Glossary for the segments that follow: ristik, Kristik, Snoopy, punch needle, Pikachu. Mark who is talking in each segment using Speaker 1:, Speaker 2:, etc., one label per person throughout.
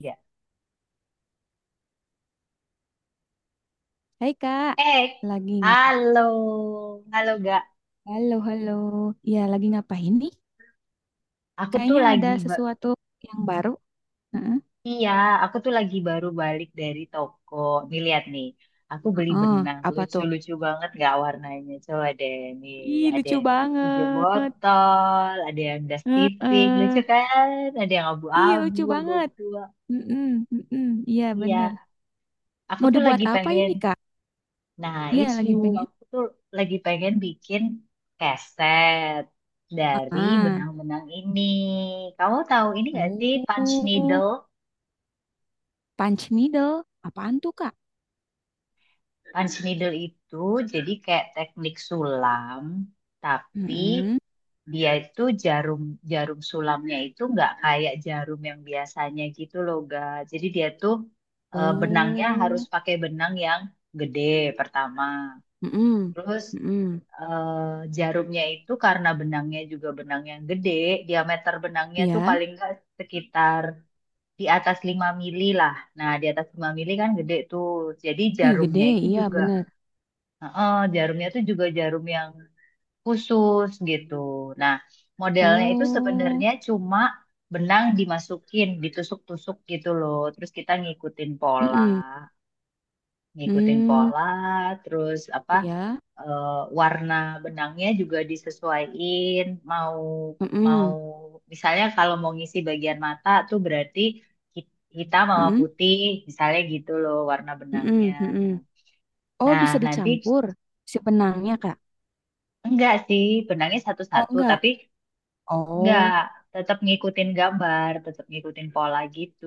Speaker 1: Ya.
Speaker 2: Hai Kak,
Speaker 1: Eh,
Speaker 2: lagi ngapain?
Speaker 1: Halo, halo gak?
Speaker 2: Halo, halo. Ya, lagi ngapain nih?
Speaker 1: Aku tuh
Speaker 2: Kayaknya ada
Speaker 1: lagi, ba-
Speaker 2: sesuatu yang baru. Heeh.
Speaker 1: Iya, aku tuh lagi baru balik dari toko. Nih lihat nih, aku beli
Speaker 2: Heeh,
Speaker 1: benang
Speaker 2: apa tuh?
Speaker 1: lucu-lucu banget gak warnanya? Coba deh, nih
Speaker 2: Ih,
Speaker 1: ada
Speaker 2: lucu
Speaker 1: yang hijau
Speaker 2: banget.
Speaker 1: botol, ada yang das tipik, lucu
Speaker 2: Heeh.
Speaker 1: kan? Ada yang
Speaker 2: Ih,
Speaker 1: abu-abu,
Speaker 2: lucu
Speaker 1: abu-abu
Speaker 2: banget.
Speaker 1: tua.
Speaker 2: Mm-mm, mm-mm. Iya,
Speaker 1: Iya,
Speaker 2: bener.
Speaker 1: aku
Speaker 2: Mau
Speaker 1: tuh
Speaker 2: dibuat
Speaker 1: lagi
Speaker 2: apa
Speaker 1: pengen.
Speaker 2: ini, Kak?
Speaker 1: Nah,
Speaker 2: Iya,
Speaker 1: itu
Speaker 2: lagi pengen.
Speaker 1: aku tuh lagi pengen bikin keset dari
Speaker 2: Ah,
Speaker 1: benang-benang ini. Kamu tahu ini gak sih punch
Speaker 2: oh,
Speaker 1: needle?
Speaker 2: punch needle. Apaan tuh, Kak?
Speaker 1: Punch needle itu jadi kayak teknik sulam, tapi
Speaker 2: Mm-mm.
Speaker 1: dia itu jarum jarum sulamnya itu nggak kayak jarum yang biasanya gitu loh, ga. Jadi dia tuh benangnya harus
Speaker 2: Oh,
Speaker 1: pakai benang yang gede pertama.
Speaker 2: mm-mm,
Speaker 1: Terus
Speaker 2: mm-mm.
Speaker 1: eh, jarumnya itu karena benangnya juga benang yang gede, diameter benangnya tuh
Speaker 2: Iya.
Speaker 1: paling nggak sekitar di atas 5 mm lah. Nah, di atas 5 mm kan gede tuh. Jadi
Speaker 2: Ih, gede.
Speaker 1: jarumnya itu
Speaker 2: Iya,
Speaker 1: juga,
Speaker 2: bener.
Speaker 1: heeh, jarumnya tuh juga jarum yang khusus gitu. Nah, modelnya itu
Speaker 2: Oh.
Speaker 1: sebenarnya cuma benang dimasukin, ditusuk-tusuk gitu loh. Terus kita
Speaker 2: Mm-mm.
Speaker 1: ngikutin
Speaker 2: Hmm,
Speaker 1: pola, terus apa?
Speaker 2: iya.
Speaker 1: eh, Warna benangnya juga disesuaiin mau mau
Speaker 2: Mm-mm.
Speaker 1: misalnya kalau mau ngisi bagian mata tuh berarti hitam sama
Speaker 2: Mm-mm.
Speaker 1: putih misalnya gitu loh warna benangnya
Speaker 2: Mm-mm.
Speaker 1: nah,
Speaker 2: Mm-mm. Oh,
Speaker 1: nah,
Speaker 2: bisa
Speaker 1: nanti
Speaker 2: dicampur si benangnya, Kak.
Speaker 1: enggak sih benangnya
Speaker 2: Oh,
Speaker 1: satu-satu
Speaker 2: enggak.
Speaker 1: tapi enggak,
Speaker 2: Oh.
Speaker 1: tetap ngikutin gambar tetap ngikutin pola gitu.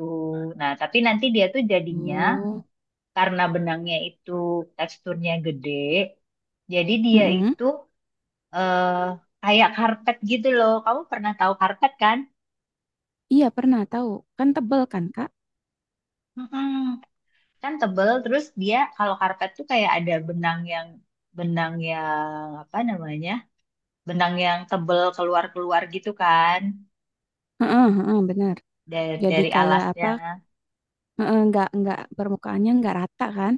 Speaker 1: Nah tapi nanti dia tuh jadinya
Speaker 2: Oh.
Speaker 1: karena benangnya itu teksturnya gede jadi dia
Speaker 2: Mm-mm.
Speaker 1: itu eh kayak karpet gitu loh. Kamu pernah tahu karpet kan?
Speaker 2: Iya, pernah tahu. Kan tebel kan, Kak?
Speaker 1: Mm-mm. Kan tebel, terus dia kalau karpet tuh kayak ada benang yang apa namanya? Benang yang tebel keluar-keluar gitu kan
Speaker 2: Heeh, heeh, benar. Jadi
Speaker 1: dari
Speaker 2: kayak
Speaker 1: alasnya.
Speaker 2: apa? Heeh, enggak permukaannya enggak rata kan?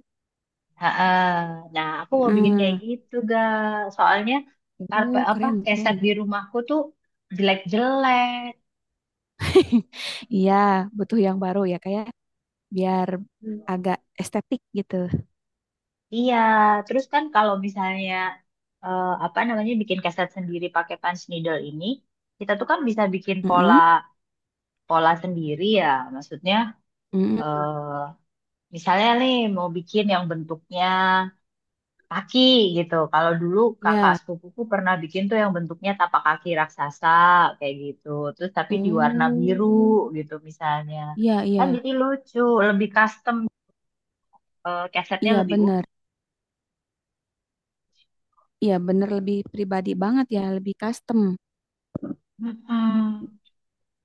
Speaker 1: ha Nah, aku mau bikin
Speaker 2: Heeh.
Speaker 1: kayak gitu, ga. Soalnya karpet apa
Speaker 2: Keren,
Speaker 1: keset
Speaker 2: keren.
Speaker 1: di rumahku tuh jelek-jelek.
Speaker 2: Iya, butuh yang baru ya, kayak biar agak estetik gitu.
Speaker 1: Iya, terus kan kalau misalnya apa namanya bikin keset sendiri pakai punch needle ini, kita tuh kan bisa bikin pola
Speaker 2: Mm-mm.
Speaker 1: pola sendiri ya. Maksudnya
Speaker 2: Mm-mm.
Speaker 1: eh misalnya nih mau bikin yang bentuknya kaki gitu. Kalau dulu kakak
Speaker 2: Iya.
Speaker 1: sepupuku pernah bikin tuh yang bentuknya tapak kaki raksasa kayak gitu. Terus tapi di warna biru
Speaker 2: Oh.
Speaker 1: gitu misalnya.
Speaker 2: Iya,
Speaker 1: Kan
Speaker 2: iya,
Speaker 1: jadi lucu, lebih custom, kesetnya
Speaker 2: iya
Speaker 1: lebih utuh.
Speaker 2: bener. Iya bener lebih pribadi banget ya, lebih custom.
Speaker 1: Mm-mm.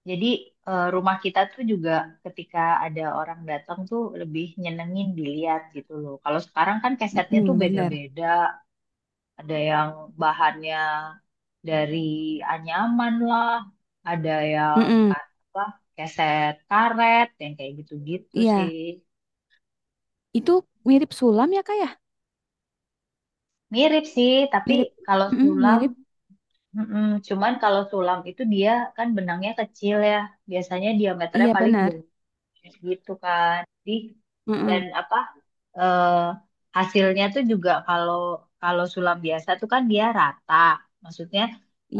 Speaker 1: Jadi rumah kita tuh juga ketika ada orang datang tuh lebih nyenengin dilihat gitu loh. Kalau sekarang kan kesetnya tuh
Speaker 2: Mm-mm, bener.
Speaker 1: beda-beda. Ada yang bahannya dari anyaman lah, ada yang
Speaker 2: Mm-mm,
Speaker 1: apa keset karet yang kayak gitu-gitu sih.
Speaker 2: iya, itu mirip sulam ya kak ya?
Speaker 1: Mirip sih, tapi
Speaker 2: Mirip,
Speaker 1: kalau
Speaker 2: mm-mm,
Speaker 1: sulam,
Speaker 2: mirip.
Speaker 1: mm-mm, cuman kalau sulam itu dia kan benangnya kecil ya. Biasanya diameternya
Speaker 2: Iya
Speaker 1: paling dua
Speaker 2: benar.
Speaker 1: gitu kan di,
Speaker 2: Mm-mm,
Speaker 1: dan apa eh, hasilnya tuh juga kalau kalau sulam biasa tuh kan dia rata maksudnya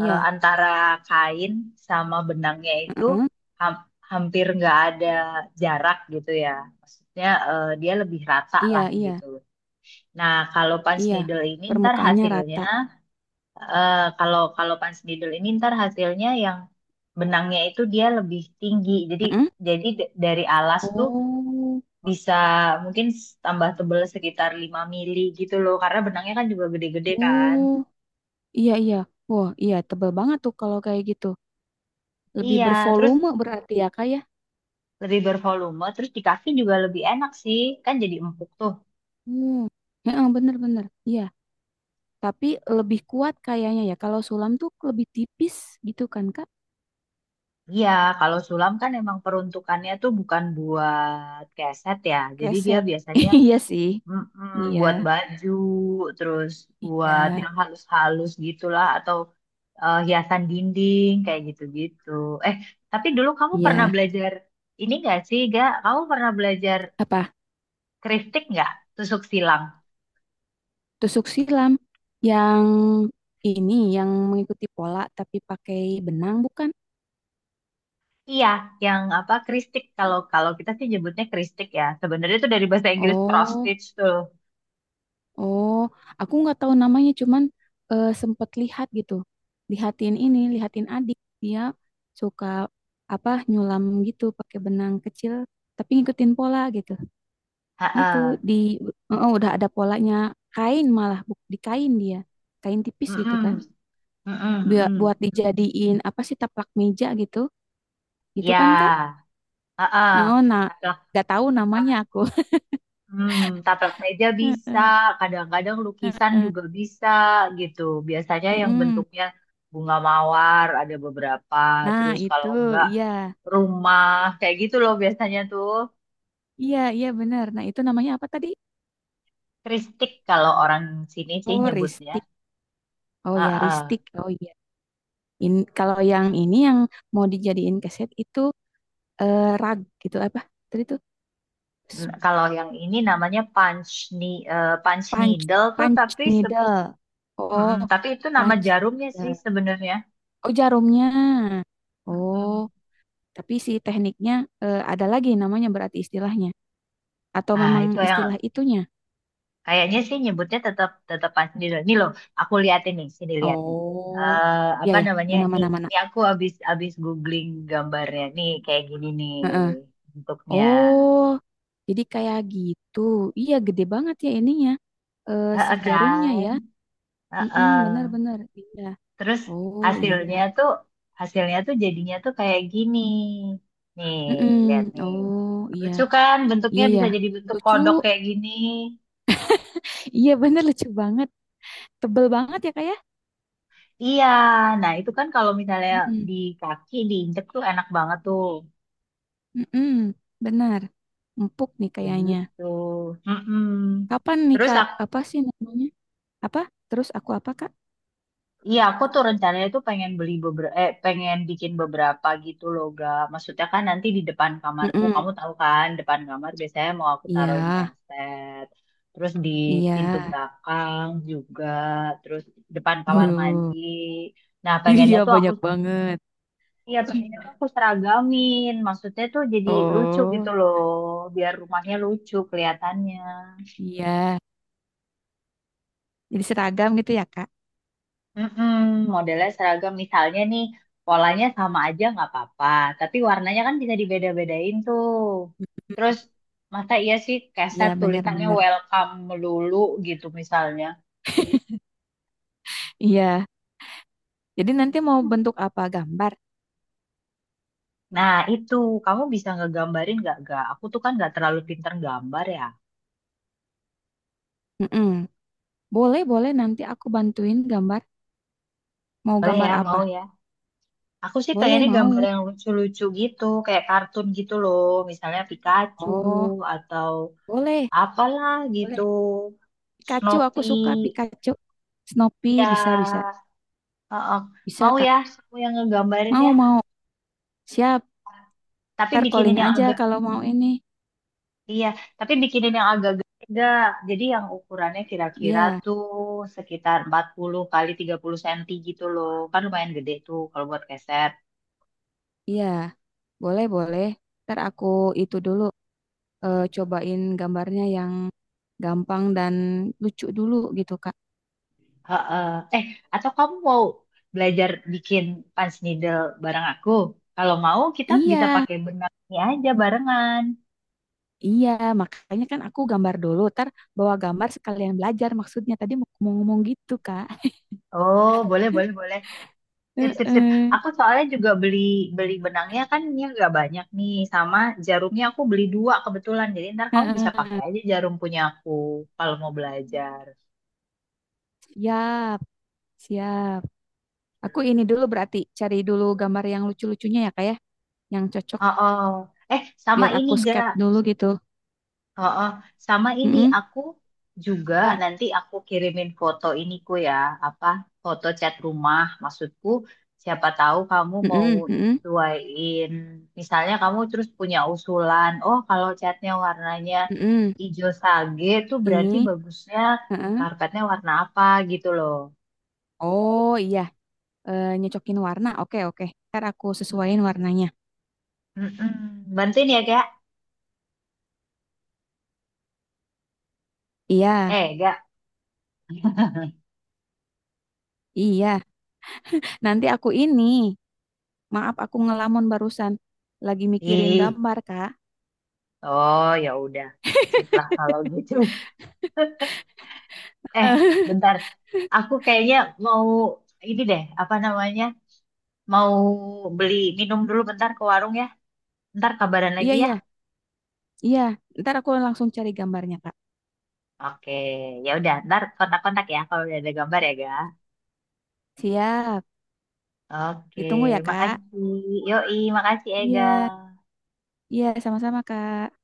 Speaker 1: antara kain sama benangnya itu
Speaker 2: mm-mm,
Speaker 1: ham- hampir nggak ada jarak gitu ya maksudnya dia lebih rata lah
Speaker 2: iya, iya,
Speaker 1: gitu. Nah kalau punch
Speaker 2: iya.
Speaker 1: needle ini ntar
Speaker 2: Permukaannya
Speaker 1: hasilnya
Speaker 2: rata.
Speaker 1: eh, kalau kalau punch needle ini ntar hasilnya yang benangnya itu dia lebih tinggi jadi
Speaker 2: Mm-mm.
Speaker 1: dari alas tuh
Speaker 2: Oh,
Speaker 1: bisa mungkin tambah tebel sekitar 5 mm gitu loh karena benangnya kan juga gede-gede kan.
Speaker 2: oh, iya, iya. Wah, iya tebal banget tuh kalau kayak gitu. Lebih
Speaker 1: Iya terus
Speaker 2: bervolume berarti ya kak ya?
Speaker 1: lebih bervolume terus di kaki juga lebih enak sih kan jadi empuk tuh.
Speaker 2: Hmm, heeh, bener-bener. Iya. Tapi lebih kuat kayaknya ya. Kalau sulam tuh lebih tipis gitu kan, Kak?
Speaker 1: Iya kalau sulam kan emang peruntukannya tuh bukan buat keset ya jadi dia
Speaker 2: Keset.
Speaker 1: biasanya
Speaker 2: Iya sih.
Speaker 1: mm-mm,
Speaker 2: Iya.
Speaker 1: buat baju terus
Speaker 2: Iya.
Speaker 1: buat yang halus-halus gitulah atau hiasan dinding kayak gitu-gitu. eh tapi dulu kamu pernah
Speaker 2: Iya.
Speaker 1: belajar ini gak sih, Ga? Kamu pernah belajar
Speaker 2: Apa?
Speaker 1: Kristik nggak? Tusuk silang.
Speaker 2: Tusuk silam. Yang ini, yang mengikuti pola tapi pakai benang bukan?
Speaker 1: Iya, yang apa kristik kalau kalau kita sih nyebutnya kristik ya. Sebenarnya itu dari bahasa Inggris cross
Speaker 2: Oh,
Speaker 1: stitch tuh.
Speaker 2: oh. Aku nggak tahu namanya, cuman sempet lihat gitu. Lihatin ini, lihatin adik. Dia suka apa nyulam gitu pakai benang kecil tapi ngikutin pola gitu. Gitu
Speaker 1: Heeh.
Speaker 2: di oh udah ada polanya kain malah di kain dia kain tipis gitu kan.
Speaker 1: Mm-mm. Mm-mm. Mm-mm.
Speaker 2: Buat dijadiin apa sih taplak meja gitu gitu kan Kak
Speaker 1: Ya. Heeh.
Speaker 2: oh nah
Speaker 1: Taplak,
Speaker 2: nggak tahu namanya
Speaker 1: tap-
Speaker 2: aku.
Speaker 1: hmm, taplak meja bisa,
Speaker 2: Heeh,
Speaker 1: kadang-kadang lukisan juga bisa gitu. Biasanya yang
Speaker 2: mm-mm.
Speaker 1: bentuknya bunga mawar ada beberapa,
Speaker 2: Nah,
Speaker 1: terus kalau
Speaker 2: itu
Speaker 1: enggak
Speaker 2: iya.
Speaker 1: rumah kayak gitu loh biasanya tuh.
Speaker 2: Iya, iya benar. Nah, itu namanya apa tadi?
Speaker 1: Kristik kalau orang sini sih
Speaker 2: Oh,
Speaker 1: nyebutnya.
Speaker 2: ristik. Oh
Speaker 1: Ah,
Speaker 2: ya,
Speaker 1: ah.
Speaker 2: ristik. Oh iya. Kalau yang ini yang mau dijadiin keset itu rag gitu apa? Tadi tuh
Speaker 1: Kalau yang ini namanya ni punch
Speaker 2: punch,
Speaker 1: needle tuh
Speaker 2: punch
Speaker 1: tapi
Speaker 2: needle. Oh,
Speaker 1: tapi itu nama
Speaker 2: punch
Speaker 1: jarumnya sih
Speaker 2: needle.
Speaker 1: sebenarnya.
Speaker 2: Oh, jarumnya.
Speaker 1: Mm-mm.
Speaker 2: Oh, tapi si tekniknya ada lagi namanya berarti istilahnya. Atau
Speaker 1: Nah,
Speaker 2: memang
Speaker 1: itu yang
Speaker 2: istilah itunya?
Speaker 1: kayaknya sih nyebutnya tetap tetap punch needle. Nih loh, aku lihat ini, sini lihat nih.
Speaker 2: Oh,
Speaker 1: Eh,
Speaker 2: ya
Speaker 1: apa
Speaker 2: ya,
Speaker 1: namanya? Nih,
Speaker 2: mana-mana mana. Mana,
Speaker 1: nih
Speaker 2: mana.
Speaker 1: aku habis habis googling gambarnya. Nih kayak gini nih
Speaker 2: Heeh.
Speaker 1: bentuknya.
Speaker 2: Oh, jadi kayak gitu. Iya, gede banget ya ininya. Eh, si
Speaker 1: Heeh
Speaker 2: jarumnya
Speaker 1: kan?
Speaker 2: ya. Mm-mm,
Speaker 1: Heeh.
Speaker 2: benar-benar. Iya.
Speaker 1: Terus
Speaker 2: Oh, iya.
Speaker 1: hasilnya tuh hasilnya tuh jadinya tuh kayak gini. Nih, lihat
Speaker 2: Mm-mm.
Speaker 1: nih.
Speaker 2: Oh, iya.
Speaker 1: Lucu kan bentuknya
Speaker 2: Iya
Speaker 1: bisa
Speaker 2: ya.
Speaker 1: jadi bentuk
Speaker 2: Lucu.
Speaker 1: kodok kayak gini.
Speaker 2: Iya bener lucu banget. Tebel banget ya, Kak ya?
Speaker 1: Iya, nah itu kan kalau misalnya
Speaker 2: Mm-mm.
Speaker 1: di kaki diinjek tuh enak banget tuh.
Speaker 2: Mm-mm. Benar. Empuk nih
Speaker 1: Kayak
Speaker 2: kayaknya.
Speaker 1: gitu. Mm-mm.
Speaker 2: Kapan nih
Speaker 1: Terus
Speaker 2: Kak? Apa sih namanya? Apa? Terus aku apa Kak?
Speaker 1: iya, aku tuh rencananya tuh pengen beli beberapa, eh, pengen bikin beberapa gitu loh, ga. Maksudnya kan nanti di depan kamarku, kamu
Speaker 2: Mm-mm.
Speaker 1: tahu kan, depan kamar biasanya mau aku taruhin
Speaker 2: Iya,
Speaker 1: keset, terus di
Speaker 2: iya.
Speaker 1: pintu belakang juga, terus depan kamar mandi.
Speaker 2: Wuh.
Speaker 1: Nah, pengennya
Speaker 2: Iya
Speaker 1: tuh aku,
Speaker 2: banyak banget.
Speaker 1: iya Pengennya tuh aku seragamin, maksudnya tuh jadi lucu gitu
Speaker 2: Oh,
Speaker 1: loh, biar rumahnya lucu kelihatannya.
Speaker 2: iya. Jadi seragam gitu ya Kak?
Speaker 1: Mm-mm, modelnya seragam misalnya nih polanya sama aja nggak apa-apa, tapi warnanya kan bisa dibeda-bedain tuh. Terus masa iya sih keset
Speaker 2: Iya
Speaker 1: tulisannya
Speaker 2: benar-benar.
Speaker 1: welcome melulu gitu misalnya.
Speaker 2: Iya. Jadi nanti mau bentuk apa gambar?
Speaker 1: Nah itu kamu bisa ngegambarin nggak gak? Aku tuh kan nggak terlalu pinter gambar ya.
Speaker 2: Mm-mm. Boleh, boleh nanti aku bantuin gambar. Mau
Speaker 1: Boleh
Speaker 2: gambar
Speaker 1: ya
Speaker 2: apa?
Speaker 1: mau ya. Aku sih
Speaker 2: Boleh,
Speaker 1: pengennya gambar
Speaker 2: mau.
Speaker 1: yang lucu-lucu gitu, kayak kartun gitu loh, misalnya Pikachu
Speaker 2: Oh,
Speaker 1: atau
Speaker 2: boleh,
Speaker 1: apalah gitu,
Speaker 2: boleh. Pikachu aku suka
Speaker 1: Snoopy.
Speaker 2: Pikachu. Snoopy
Speaker 1: Ya,
Speaker 2: bisa bisa
Speaker 1: heeh.
Speaker 2: bisa
Speaker 1: Mau
Speaker 2: Kak.
Speaker 1: ya, kamu yang ngegambarin ya.
Speaker 2: Mau mau. Siap.
Speaker 1: Tapi
Speaker 2: Ntar
Speaker 1: bikinin
Speaker 2: calling
Speaker 1: yang
Speaker 2: aja
Speaker 1: agak,
Speaker 2: kalau mau ini.
Speaker 1: iya. Tapi bikinin yang agak gede. Jadi yang ukurannya kira-kira
Speaker 2: Iya,
Speaker 1: tuh sekitar 40 x 30 cm gitu loh. Kan lumayan gede tuh kalau buat keset.
Speaker 2: iya. Boleh, boleh. Ntar aku itu dulu cobain gambarnya yang gampang dan lucu dulu gitu Kak.
Speaker 1: Heeh. Eh, atau kamu mau belajar bikin punch needle bareng aku? Kalau mau, kita bisa
Speaker 2: Iya,
Speaker 1: pakai benang ini aja barengan.
Speaker 2: iya. Makanya kan aku gambar dulu. Ntar bawa gambar sekalian belajar maksudnya. Tadi mau ngomong -ngomong gitu Kak.
Speaker 1: Oh, boleh, boleh, boleh. Sip, sip, sip.
Speaker 2: Heeh.
Speaker 1: Aku soalnya juga beli beli benangnya kan ini nggak banyak nih, sama jarumnya aku beli dua kebetulan. Jadi ntar kamu bisa
Speaker 2: Heeh.
Speaker 1: pakai aja jarum punya aku kalau mau belajar.
Speaker 2: Siap, siap. Aku ini dulu berarti cari dulu gambar yang lucu-lucunya ya kak ya, yang cocok
Speaker 1: Oh, oh. Eh, sama
Speaker 2: biar
Speaker 1: ini
Speaker 2: aku sket
Speaker 1: gak?
Speaker 2: dulu gitu.
Speaker 1: Heeh, sama ini
Speaker 2: Mm-mm.
Speaker 1: aku juga
Speaker 2: Wah,
Speaker 1: nanti aku kirimin foto iniku ya, apa foto cat rumah. Maksudku, siapa tahu kamu mau
Speaker 2: mm-mm, mm-mm,
Speaker 1: nyesuaiin. Misalnya kamu terus punya usulan, oh kalau catnya warnanya
Speaker 2: mm-mm.
Speaker 1: hijau sage tuh berarti
Speaker 2: Ini,
Speaker 1: bagusnya
Speaker 2: mm-mm.
Speaker 1: karpetnya warna apa gitu loh.
Speaker 2: Oh iya, eh, nyocokin warna. Oke oke, ntar aku sesuaiin warnanya.
Speaker 1: Mm-mm. Bantuin ya, Kak?
Speaker 2: Iya
Speaker 1: Eh, Kak.
Speaker 2: iya. Nanti aku ini, maaf aku ngelamun barusan, lagi mikirin
Speaker 1: Ih,
Speaker 2: gambar kak.
Speaker 1: oh ya udah. Sip lah kalau gitu. Eh, bentar. Aku kayaknya mau ini deh, apa namanya? Mau beli minum dulu bentar ke warung ya. Ntar kabaran
Speaker 2: Iya
Speaker 1: lagi ya.
Speaker 2: iya iya. Ntar aku langsung cari gambarnya kak.
Speaker 1: Oke, ya udah. Ntar kontak-kontak ya kalau udah ada gambar ya, Ga.
Speaker 2: Siap,
Speaker 1: Oke,
Speaker 2: ditunggu ya kak.
Speaker 1: makasih. Yoi, makasih Ega.
Speaker 2: Iya iya sama-sama kak.